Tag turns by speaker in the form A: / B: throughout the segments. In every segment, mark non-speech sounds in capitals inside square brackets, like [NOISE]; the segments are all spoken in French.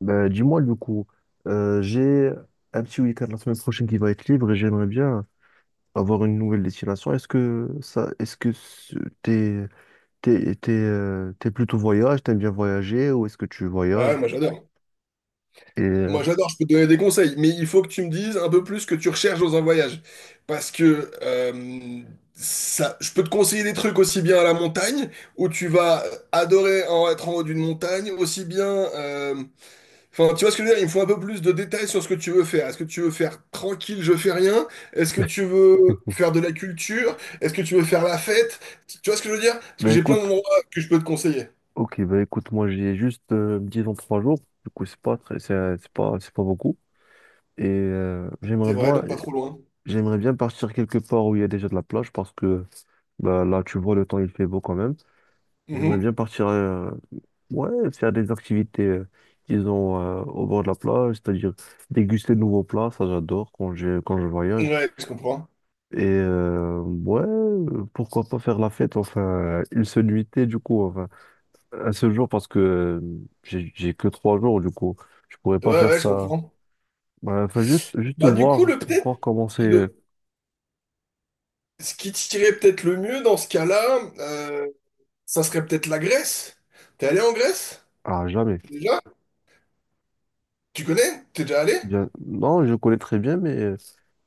A: Bah, dis-moi du coup, j'ai un petit week-end la semaine prochaine qui va être libre et j'aimerais bien avoir une nouvelle destination. Est-ce que ça, est-ce que ce- t'es, t'es plutôt voyage, t'aimes bien voyager ou est-ce que tu
B: Ah ouais,
A: voyages?
B: moi j'adore.
A: Et euh,
B: Moi j'adore, je peux te donner des conseils, mais il faut que tu me dises un peu plus ce que tu recherches dans un voyage. Parce que ça, je peux te conseiller des trucs aussi bien à la montagne, où tu vas adorer en être en haut d'une montagne, aussi bien, euh, enfin, tu vois ce que je veux dire? Il me faut un peu plus de détails sur ce que tu veux faire. Est-ce que tu veux faire tranquille, je fais rien? Est-ce que tu veux faire de
A: [LAUGHS]
B: la culture? Est-ce que tu veux faire la fête? Tu vois ce que je veux dire? Parce que
A: bah,
B: j'ai plein
A: écoute,
B: d'endroits que je peux te conseiller.
A: ok, bah écoute, moi j'ai juste 10 ans 3 jours, du coup c'est pas beaucoup. Et euh,
B: C'est
A: j'aimerais
B: vrai,
A: bien,
B: donc pas trop loin.
A: j'aimerais bien partir quelque part où il y a déjà de la plage parce que bah, là, tu vois, le temps, il fait beau quand même. J'aimerais
B: Mhm.
A: bien partir, ouais, faire des activités, disons, au bord de la plage, c'est-à-dire déguster de nouveaux plats, ça j'adore quand je voyage.
B: Ouais, je comprends.
A: Ouais, pourquoi pas faire la fête, enfin, une seule nuitée, du coup, enfin, un seul jour, parce que j'ai que 3 jours, du coup, je pourrais
B: Ouais,
A: pas faire
B: ouais, je
A: ça.
B: comprends.
A: Ouais, enfin, juste
B: Bah, du coup,
A: voir comment c'est.
B: le, ce qui tirait peut-être le mieux dans ce cas-là, ça serait peut-être la Grèce. T'es allé en Grèce?
A: Ah, jamais.
B: Déjà? Tu connais? T'es déjà allé?
A: Bien... Non, je connais très bien, mais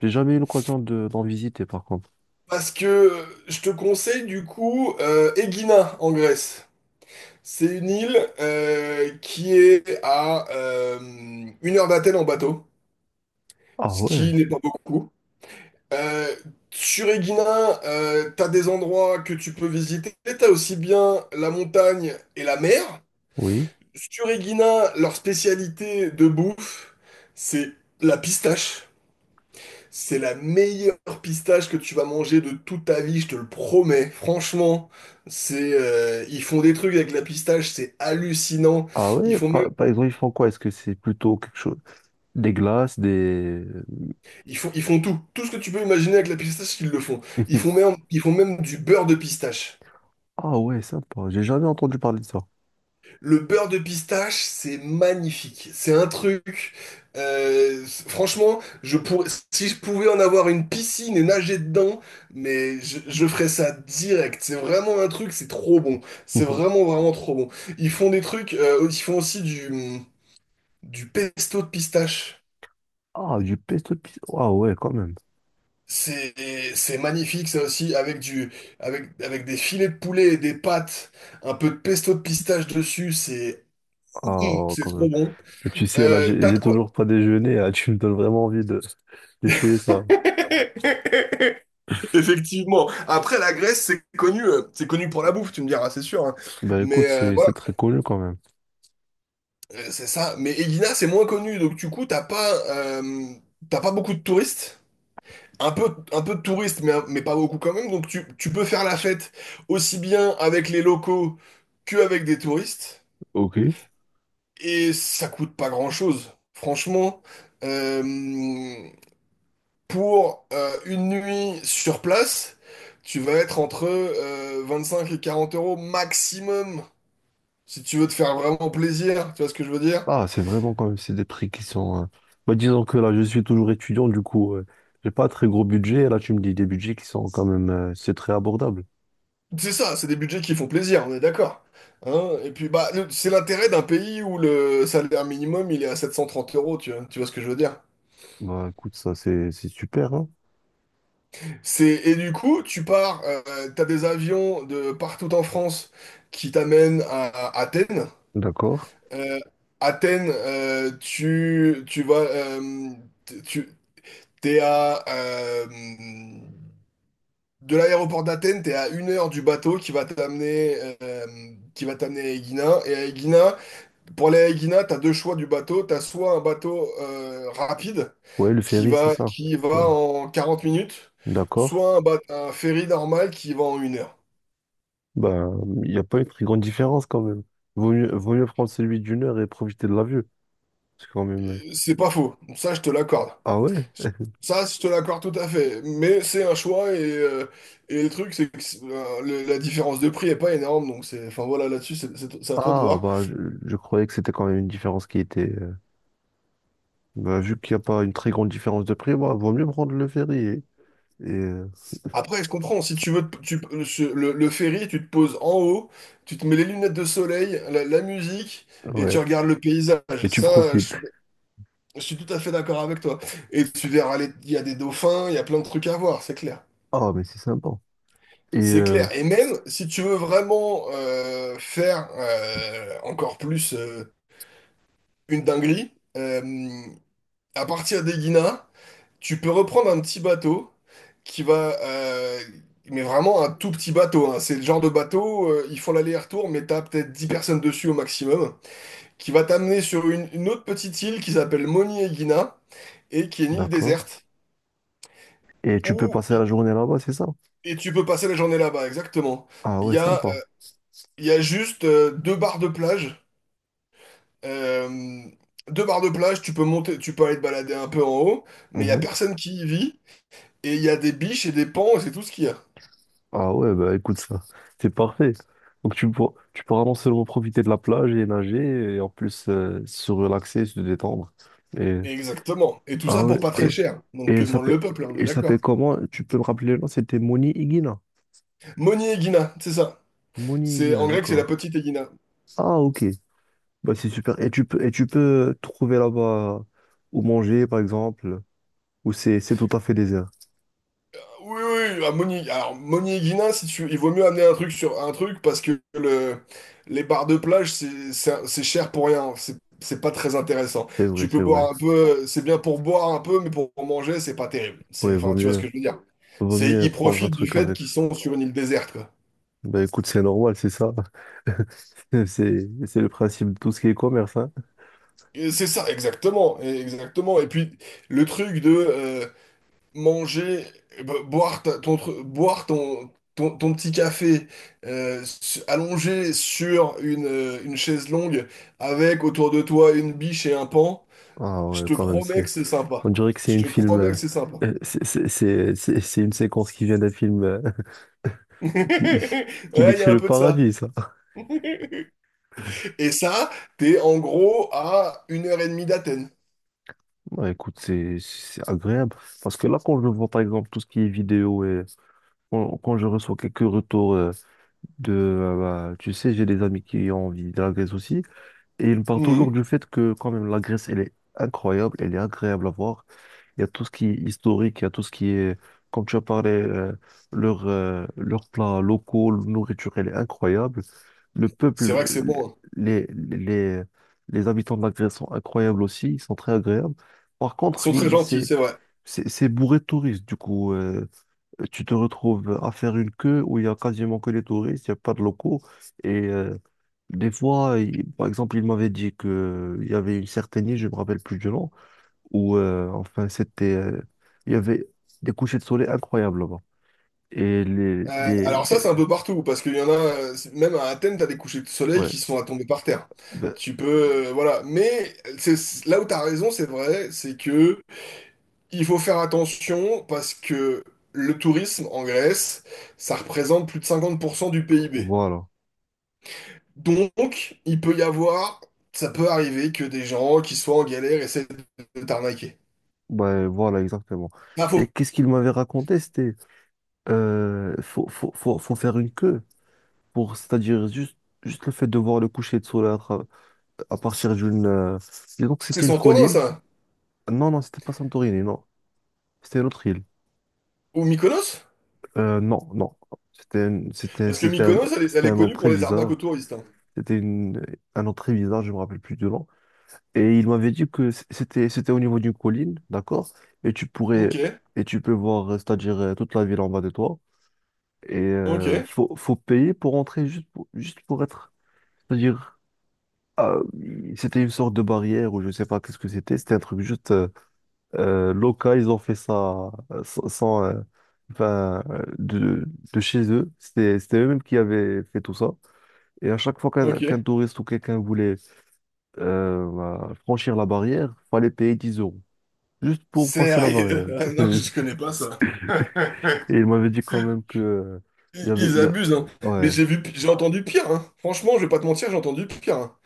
A: j'ai jamais eu l'occasion d'en visiter, par contre.
B: Parce que je te conseille, du coup, Egina, en Grèce. C'est une île qui est à 1 heure d'Athènes en bateau,
A: Ah
B: ce
A: ouais,
B: qui n'est pas beaucoup. Euh, Sur Egina, t'as des endroits que tu peux visiter. T'as aussi bien la montagne et la mer.
A: oui.
B: Stureguina, leur spécialité de bouffe, c'est la pistache. C'est la meilleure pistache que tu vas manger de toute ta vie, je te le promets. Franchement, c'est ils font des trucs avec la pistache, c'est hallucinant.
A: Ah
B: Ils
A: ouais,
B: font même,
A: par exemple, ils font quoi? Est-ce que c'est plutôt quelque chose... Des glaces, des...
B: ils font tout, tout ce que tu peux imaginer avec la pistache, ils le font. Ils font
A: [LAUGHS]
B: même, ils font même du beurre de pistache.
A: Ah ouais, sympa. J'ai jamais entendu parler de ça.
B: Le beurre de pistache, c'est magnifique. C'est un truc. Franchement, je pourrais, si je pouvais en avoir une piscine et nager dedans, mais je ferais ça direct. C'est vraiment un truc, c'est trop bon. C'est
A: [LAUGHS]
B: vraiment, vraiment trop bon. Ils font des trucs, ils font aussi du pesto de pistache.
A: Ah, du pesto pizza. Ah ouais, quand même.
B: C'est, c'est magnifique, ça aussi, avec des filets de poulet et des pâtes, un peu de pesto de pistache dessus, c'est, Mmh,
A: Ah,
B: c'est
A: quand
B: trop
A: même.
B: bon.
A: Et tu sais, là, j'ai
B: T'as
A: j'ai
B: de quoi?
A: toujours pas déjeuné. Là, tu me donnes vraiment envie de d'essayer ça.
B: Effectivement. Après, la Grèce, c'est connu pour la bouffe, tu me diras, c'est sûr, hein.
A: Ben écoute,
B: Mais
A: c'est
B: voilà,
A: c'est très connu quand même.
B: c'est ça. Mais Elina, c'est moins connu, donc du coup, t'as pas beaucoup de touristes. Un peu de touristes, mais pas beaucoup quand même. Donc tu peux faire la fête aussi bien avec les locaux qu'avec des touristes.
A: Ok.
B: Et ça coûte pas grand-chose. Franchement, euh, pour une nuit sur place, tu vas être entre 25 et 40 euros maximum, si tu veux te faire vraiment plaisir, tu vois ce que je veux dire?
A: Ah, c'est vraiment quand même, c'est des prix qui sont... bah, disons que là, je suis toujours étudiant, du coup, j'ai pas un très gros budget. Et là, tu me dis des budgets qui sont quand même... c'est très abordable.
B: C'est ça, c'est des budgets qui font plaisir, on est d'accord. Hein. Et puis bah c'est l'intérêt d'un pays où le salaire minimum il est à 730 euros, tu vois ce que je veux dire?
A: Bah écoute, ça c'est super, hein.
B: C'est Et du coup tu pars, t'as des avions de partout en France qui t'amènent à Athènes.
A: D'accord.
B: Euh, Athènes, tu, T'es à, euh, de l'aéroport d'Athènes, t'es à 1 heure du bateau qui va t'amener euh, à Aegina. Et à Aegina, pour aller à Aegina, t'as deux choix du bateau. T'as soit un bateau rapide
A: Ouais, le
B: qui
A: ferry, c'est
B: va,
A: ça.
B: qui va
A: Ouais.
B: en 40 minutes,
A: D'accord.
B: soit un ferry normal qui va en 1 heure.
A: Bah, il n'y a pas une très grande différence quand même. Vaut mieux prendre celui d'une heure et profiter de la vue. C'est quand même.
B: C'est pas faux, ça je te l'accorde.
A: Ah ouais?
B: Ça, je te l'accorde tout à fait. Mais c'est un choix et le truc, c'est que la différence de prix est pas énorme. Donc, enfin voilà, là-dessus, c'est à toi de
A: Ah
B: voir.
A: bah je croyais que c'était quand même une différence qui était. Bah vu qu'il n'y a pas une très grande différence de prix, bah vaut mieux prendre le ferry. Et, euh,
B: Après, je comprends, si tu veux, le ferry, tu te poses en haut, tu te mets les lunettes de soleil, la musique, et tu
A: ouais.
B: regardes le paysage.
A: Et tu
B: Ça,
A: profites.
B: je suis tout à fait d'accord avec toi. Et tu verras, il y a des dauphins, il y a plein de trucs à voir, c'est clair.
A: Ah mais c'est sympa. Et
B: C'est
A: euh,
B: clair. Et même si tu veux vraiment faire encore plus une dinguerie, à partir des Guinées. Tu peux reprendre un petit bateau qui va, mais vraiment un tout petit bateau, hein. C'est le genre de bateau, ils font l'aller-retour, mais t'as peut-être 10 personnes dessus au maximum, qui va t'amener sur une autre petite île qui s'appelle Moni Egina et qui est une île
A: d'accord.
B: déserte
A: Et tu peux
B: où
A: passer la journée là-bas, c'est ça?
B: et tu peux passer la journée là-bas, exactement.
A: Ah
B: Il
A: ouais,
B: y a,
A: sympa.
B: euh, il y a juste deux barres de plage. Euh, Deux barres de plage, tu peux monter, tu peux aller te balader un peu en haut, mais il y a
A: Mmh.
B: personne qui y vit et il y a des biches et des pans et c'est tout ce qu'il y a.
A: Ah ouais, bah écoute ça, c'est parfait. Donc tu pourras non seulement profiter de la plage et nager, et en plus se relaxer, se détendre. Et,
B: Exactement. Et tout
A: ah
B: ça
A: ouais,
B: pour pas très cher.
A: et
B: Donc que demande le peuple, hein, on est
A: il s'appelle
B: d'accord.
A: comment? Tu peux me rappeler le nom? C'était Moni Higuina.
B: Moni Egina, c'est ça.
A: Moni
B: C'est
A: Higuina,
B: en grec, c'est la
A: d'accord.
B: petite Egina.
A: Ah ok, bah c'est super. Et tu peux trouver là-bas où manger, par exemple. Ou c'est tout à fait désert?
B: Oui, oui, oui. Ah, Moni. Alors Moni Egina, si tu, il vaut mieux amener un truc sur un truc parce que les bars de plage c'est cher pour rien. C'est pas très intéressant.
A: C'est vrai,
B: Tu peux
A: c'est vrai.
B: boire un peu, c'est bien pour boire un peu, mais pour manger c'est pas terrible.
A: Oui,
B: C'est Enfin, tu vois ce que je veux dire.
A: vaut
B: C'est
A: mieux
B: Ils
A: prendre un
B: profitent du
A: truc
B: fait
A: avec.
B: qu'ils sont sur une île déserte quoi.
A: Bah écoute, c'est normal, c'est ça. [LAUGHS] C'est le principe de tout ce qui est commerce, hein.
B: Et c'est ça, exactement, exactement. Et puis le truc de, manger, boire ton petit café allongé sur une chaise longue avec autour de toi une biche et un pan,
A: Ah
B: je
A: ouais,
B: te
A: quand même,
B: promets
A: c'est.
B: que c'est
A: On
B: sympa.
A: dirait que c'est
B: Je
A: une
B: te
A: film.
B: promets que c'est sympa.
A: C'est une séquence qui vient d'un film [LAUGHS]
B: [LAUGHS]
A: qui, qui
B: Ouais, il y
A: décrit
B: a un
A: le
B: peu de ça.
A: paradis, ça.
B: [LAUGHS] Et ça, t'es en gros à 1 heure et demie d'Athènes.
A: Ouais, écoute, c'est agréable. Parce que là, quand je vois par exemple tout ce qui est vidéo et quand je reçois quelques retours. de, euh, bah, tu sais, j'ai des amis qui ont envie de la Grèce aussi, et ils me parlent toujours
B: Mhm.
A: du fait que quand même la Grèce, elle est incroyable, elle est agréable à voir. Il y a tout ce qui est historique, il y a tout ce qui est, comme tu as parlé, leurs plats locaux, leur nourriture, elle est incroyable. Le
B: C'est
A: peuple,
B: vrai que c'est bon, hein.
A: les, les, les, les habitants de la Grèce sont incroyables aussi, ils sont très agréables. Par
B: Ils
A: contre,
B: sont très gentils,
A: c'est,
B: c'est vrai.
A: c'est c'est bourré de touristes, du coup. Tu te retrouves à faire une queue où il y a quasiment que les touristes, il n'y a pas de locaux. Et euh, des fois, par exemple, il m'avait dit que il y avait une certaine île, je ne me rappelle plus du nom, où enfin il y avait des couchers de soleil incroyables là-bas. Et les, les,
B: Alors ça,
A: les-
B: c'est un peu partout, parce qu'il y en a, même à Athènes, t'as des couchers de soleil
A: ouais,
B: qui sont à tomber par terre.
A: ben,
B: Tu peux, voilà. Mais là où t'as raison, c'est vrai, c'est que il faut faire attention, parce que le tourisme en Grèce, ça représente plus de 50% du PIB.
A: voilà,
B: Donc, il peut y avoir, ça peut arriver que des gens qui soient en galère essaient de t'arnaquer.
A: ouais, voilà exactement.
B: Bah, faut
A: Et qu'est-ce qu'il m'avait raconté? C'était, faut, faut, faut, faut faire une queue. C'est-à-dire juste le fait de voir le coucher de soleil à partir d'une. Disons que
B: c'est
A: c'était une
B: Santorin,
A: colline.
B: ça.
A: Non, non, c'était pas Santorini, non. C'était une autre île.
B: Ou Mykonos?
A: Non, non. C'était une- c'était,
B: Parce que Mykonos, elle, est elle
A: c'était
B: est
A: un nom
B: connue
A: très
B: pour les arnaques aux
A: bizarre.
B: touristes, hein.
A: C'était un nom très bizarre, je me rappelle plus du nom. Et il m'avait dit que c'était au niveau d'une colline, d'accord? Et tu pourrais,
B: Ok,
A: et tu peux voir, c'est-à-dire toute la ville en bas de toi. Et
B: ok.
A: euh, faut, faut payer pour entrer juste pour être, c'est-à-dire Ah, c'était une sorte de barrière ou je sais pas qu'est-ce que c'était. C'était un truc juste local. Ils ont fait ça sans, sans, enfin, de chez eux. C'était eux-mêmes qui avaient fait tout ça. Et à chaque fois qu'un
B: Ok.
A: touriste ou quelqu'un voulait bah, franchir la barrière, fallait payer 10 € juste pour passer la
B: Sérieux?
A: barrière.
B: [LAUGHS] Non, je
A: [LAUGHS]
B: connais pas ça.
A: Et ils m'avaient dit quand même que
B: Ils, ils
A: il y a...
B: abusent, hein. Mais
A: Ouais,
B: j'ai entendu pire, hein. Franchement, je vais pas te mentir, j'ai entendu pire, hein.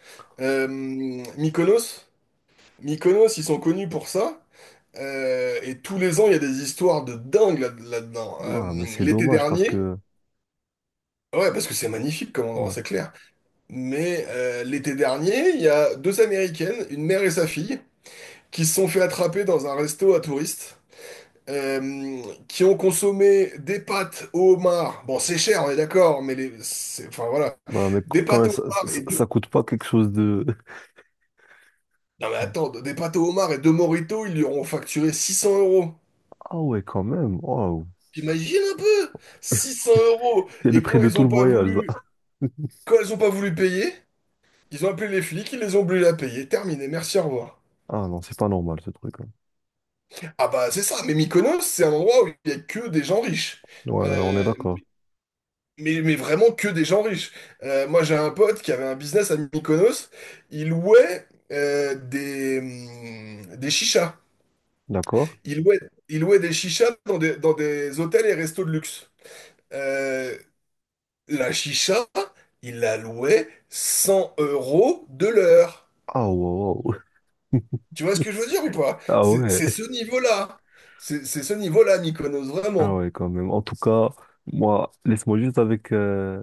B: Euh, Mykonos, Mykonos, ils sont connus pour ça. Et tous les ans, il y a des histoires de dingue là-dedans.
A: ouais, mais c'est
B: L'été
A: dommage parce
B: dernier,
A: que
B: ouais, parce que c'est magnifique comme endroit,
A: ouais,
B: c'est clair. Mais l'été dernier, il y a deux Américaines, une mère et sa fille, qui se sont fait attraper dans un resto à touristes, qui ont consommé des pâtes au homard. Bon, c'est cher, on est d'accord, mais enfin voilà,
A: ouais, mais
B: des
A: quand
B: pâtes
A: même
B: au homard et
A: ça
B: deux.
A: coûte pas quelque chose de
B: Non mais
A: [LAUGHS]
B: attends, des pâtes au homard et deux mojitos, ils lui auront facturé 600 euros.
A: Ah ouais, quand même. Waouh.
B: T'imagines un peu? 600 euros.
A: C'est le
B: Et
A: prix de tout le voyage, ça. [LAUGHS]
B: quand ils ont pas voulu payer, ils ont appelé les flics, ils les ont obligés à payer. Terminé, merci, au revoir.
A: Ah non, c'est pas normal, ce truc, hein.
B: Ah bah c'est ça, mais Mykonos, c'est un endroit où il y a que des gens riches.
A: Ouais, on est
B: Euh,
A: d'accord.
B: mais vraiment que des gens riches. Moi, j'ai un pote qui avait un business à Mykonos. Il louait des chichas.
A: D'accord?
B: Il louait, il louait des chichas dans des hôtels et restos de luxe. Euh, la chicha, il la louait 100 euros de l'heure.
A: Ah wow. Wow.
B: Tu vois ce que je veux dire ou
A: [LAUGHS]
B: pas?
A: Ah
B: C'est
A: ouais.
B: c'est ce niveau-là. C'est ce niveau-là, Mykonos,
A: Ah
B: vraiment.
A: ouais, quand même. En tout cas, moi, laisse-moi juste avec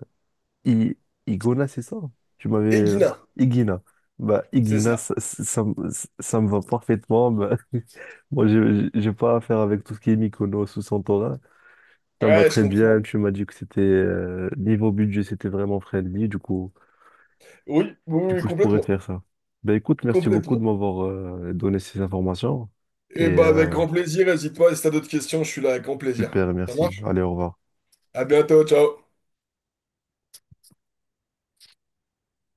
A: I- Igona, c'est ça? Tu m'avais...
B: Et Guina,
A: Igina. Bah,
B: c'est
A: Igina,
B: ça.
A: ça me va parfaitement. Bah, [LAUGHS] moi, j'ai pas affaire avec tout ce qui est Mykonos ou Santorin. Ça me va
B: Ouais, je
A: très
B: comprends.
A: bien. Tu m'as dit que c'était... niveau budget, c'était vraiment friendly.
B: Oui, oui,
A: Du
B: oui,
A: coup, je pourrais
B: complètement.
A: faire ça. Ben écoute, merci beaucoup de
B: Complètement.
A: m'avoir donné ces informations. Et
B: Eh ben, avec
A: euh,
B: grand plaisir. N'hésite pas, si t'as d'autres questions, je suis là avec grand plaisir.
A: super,
B: Ça
A: merci.
B: marche?
A: Allez, au revoir.
B: À bientôt, ciao.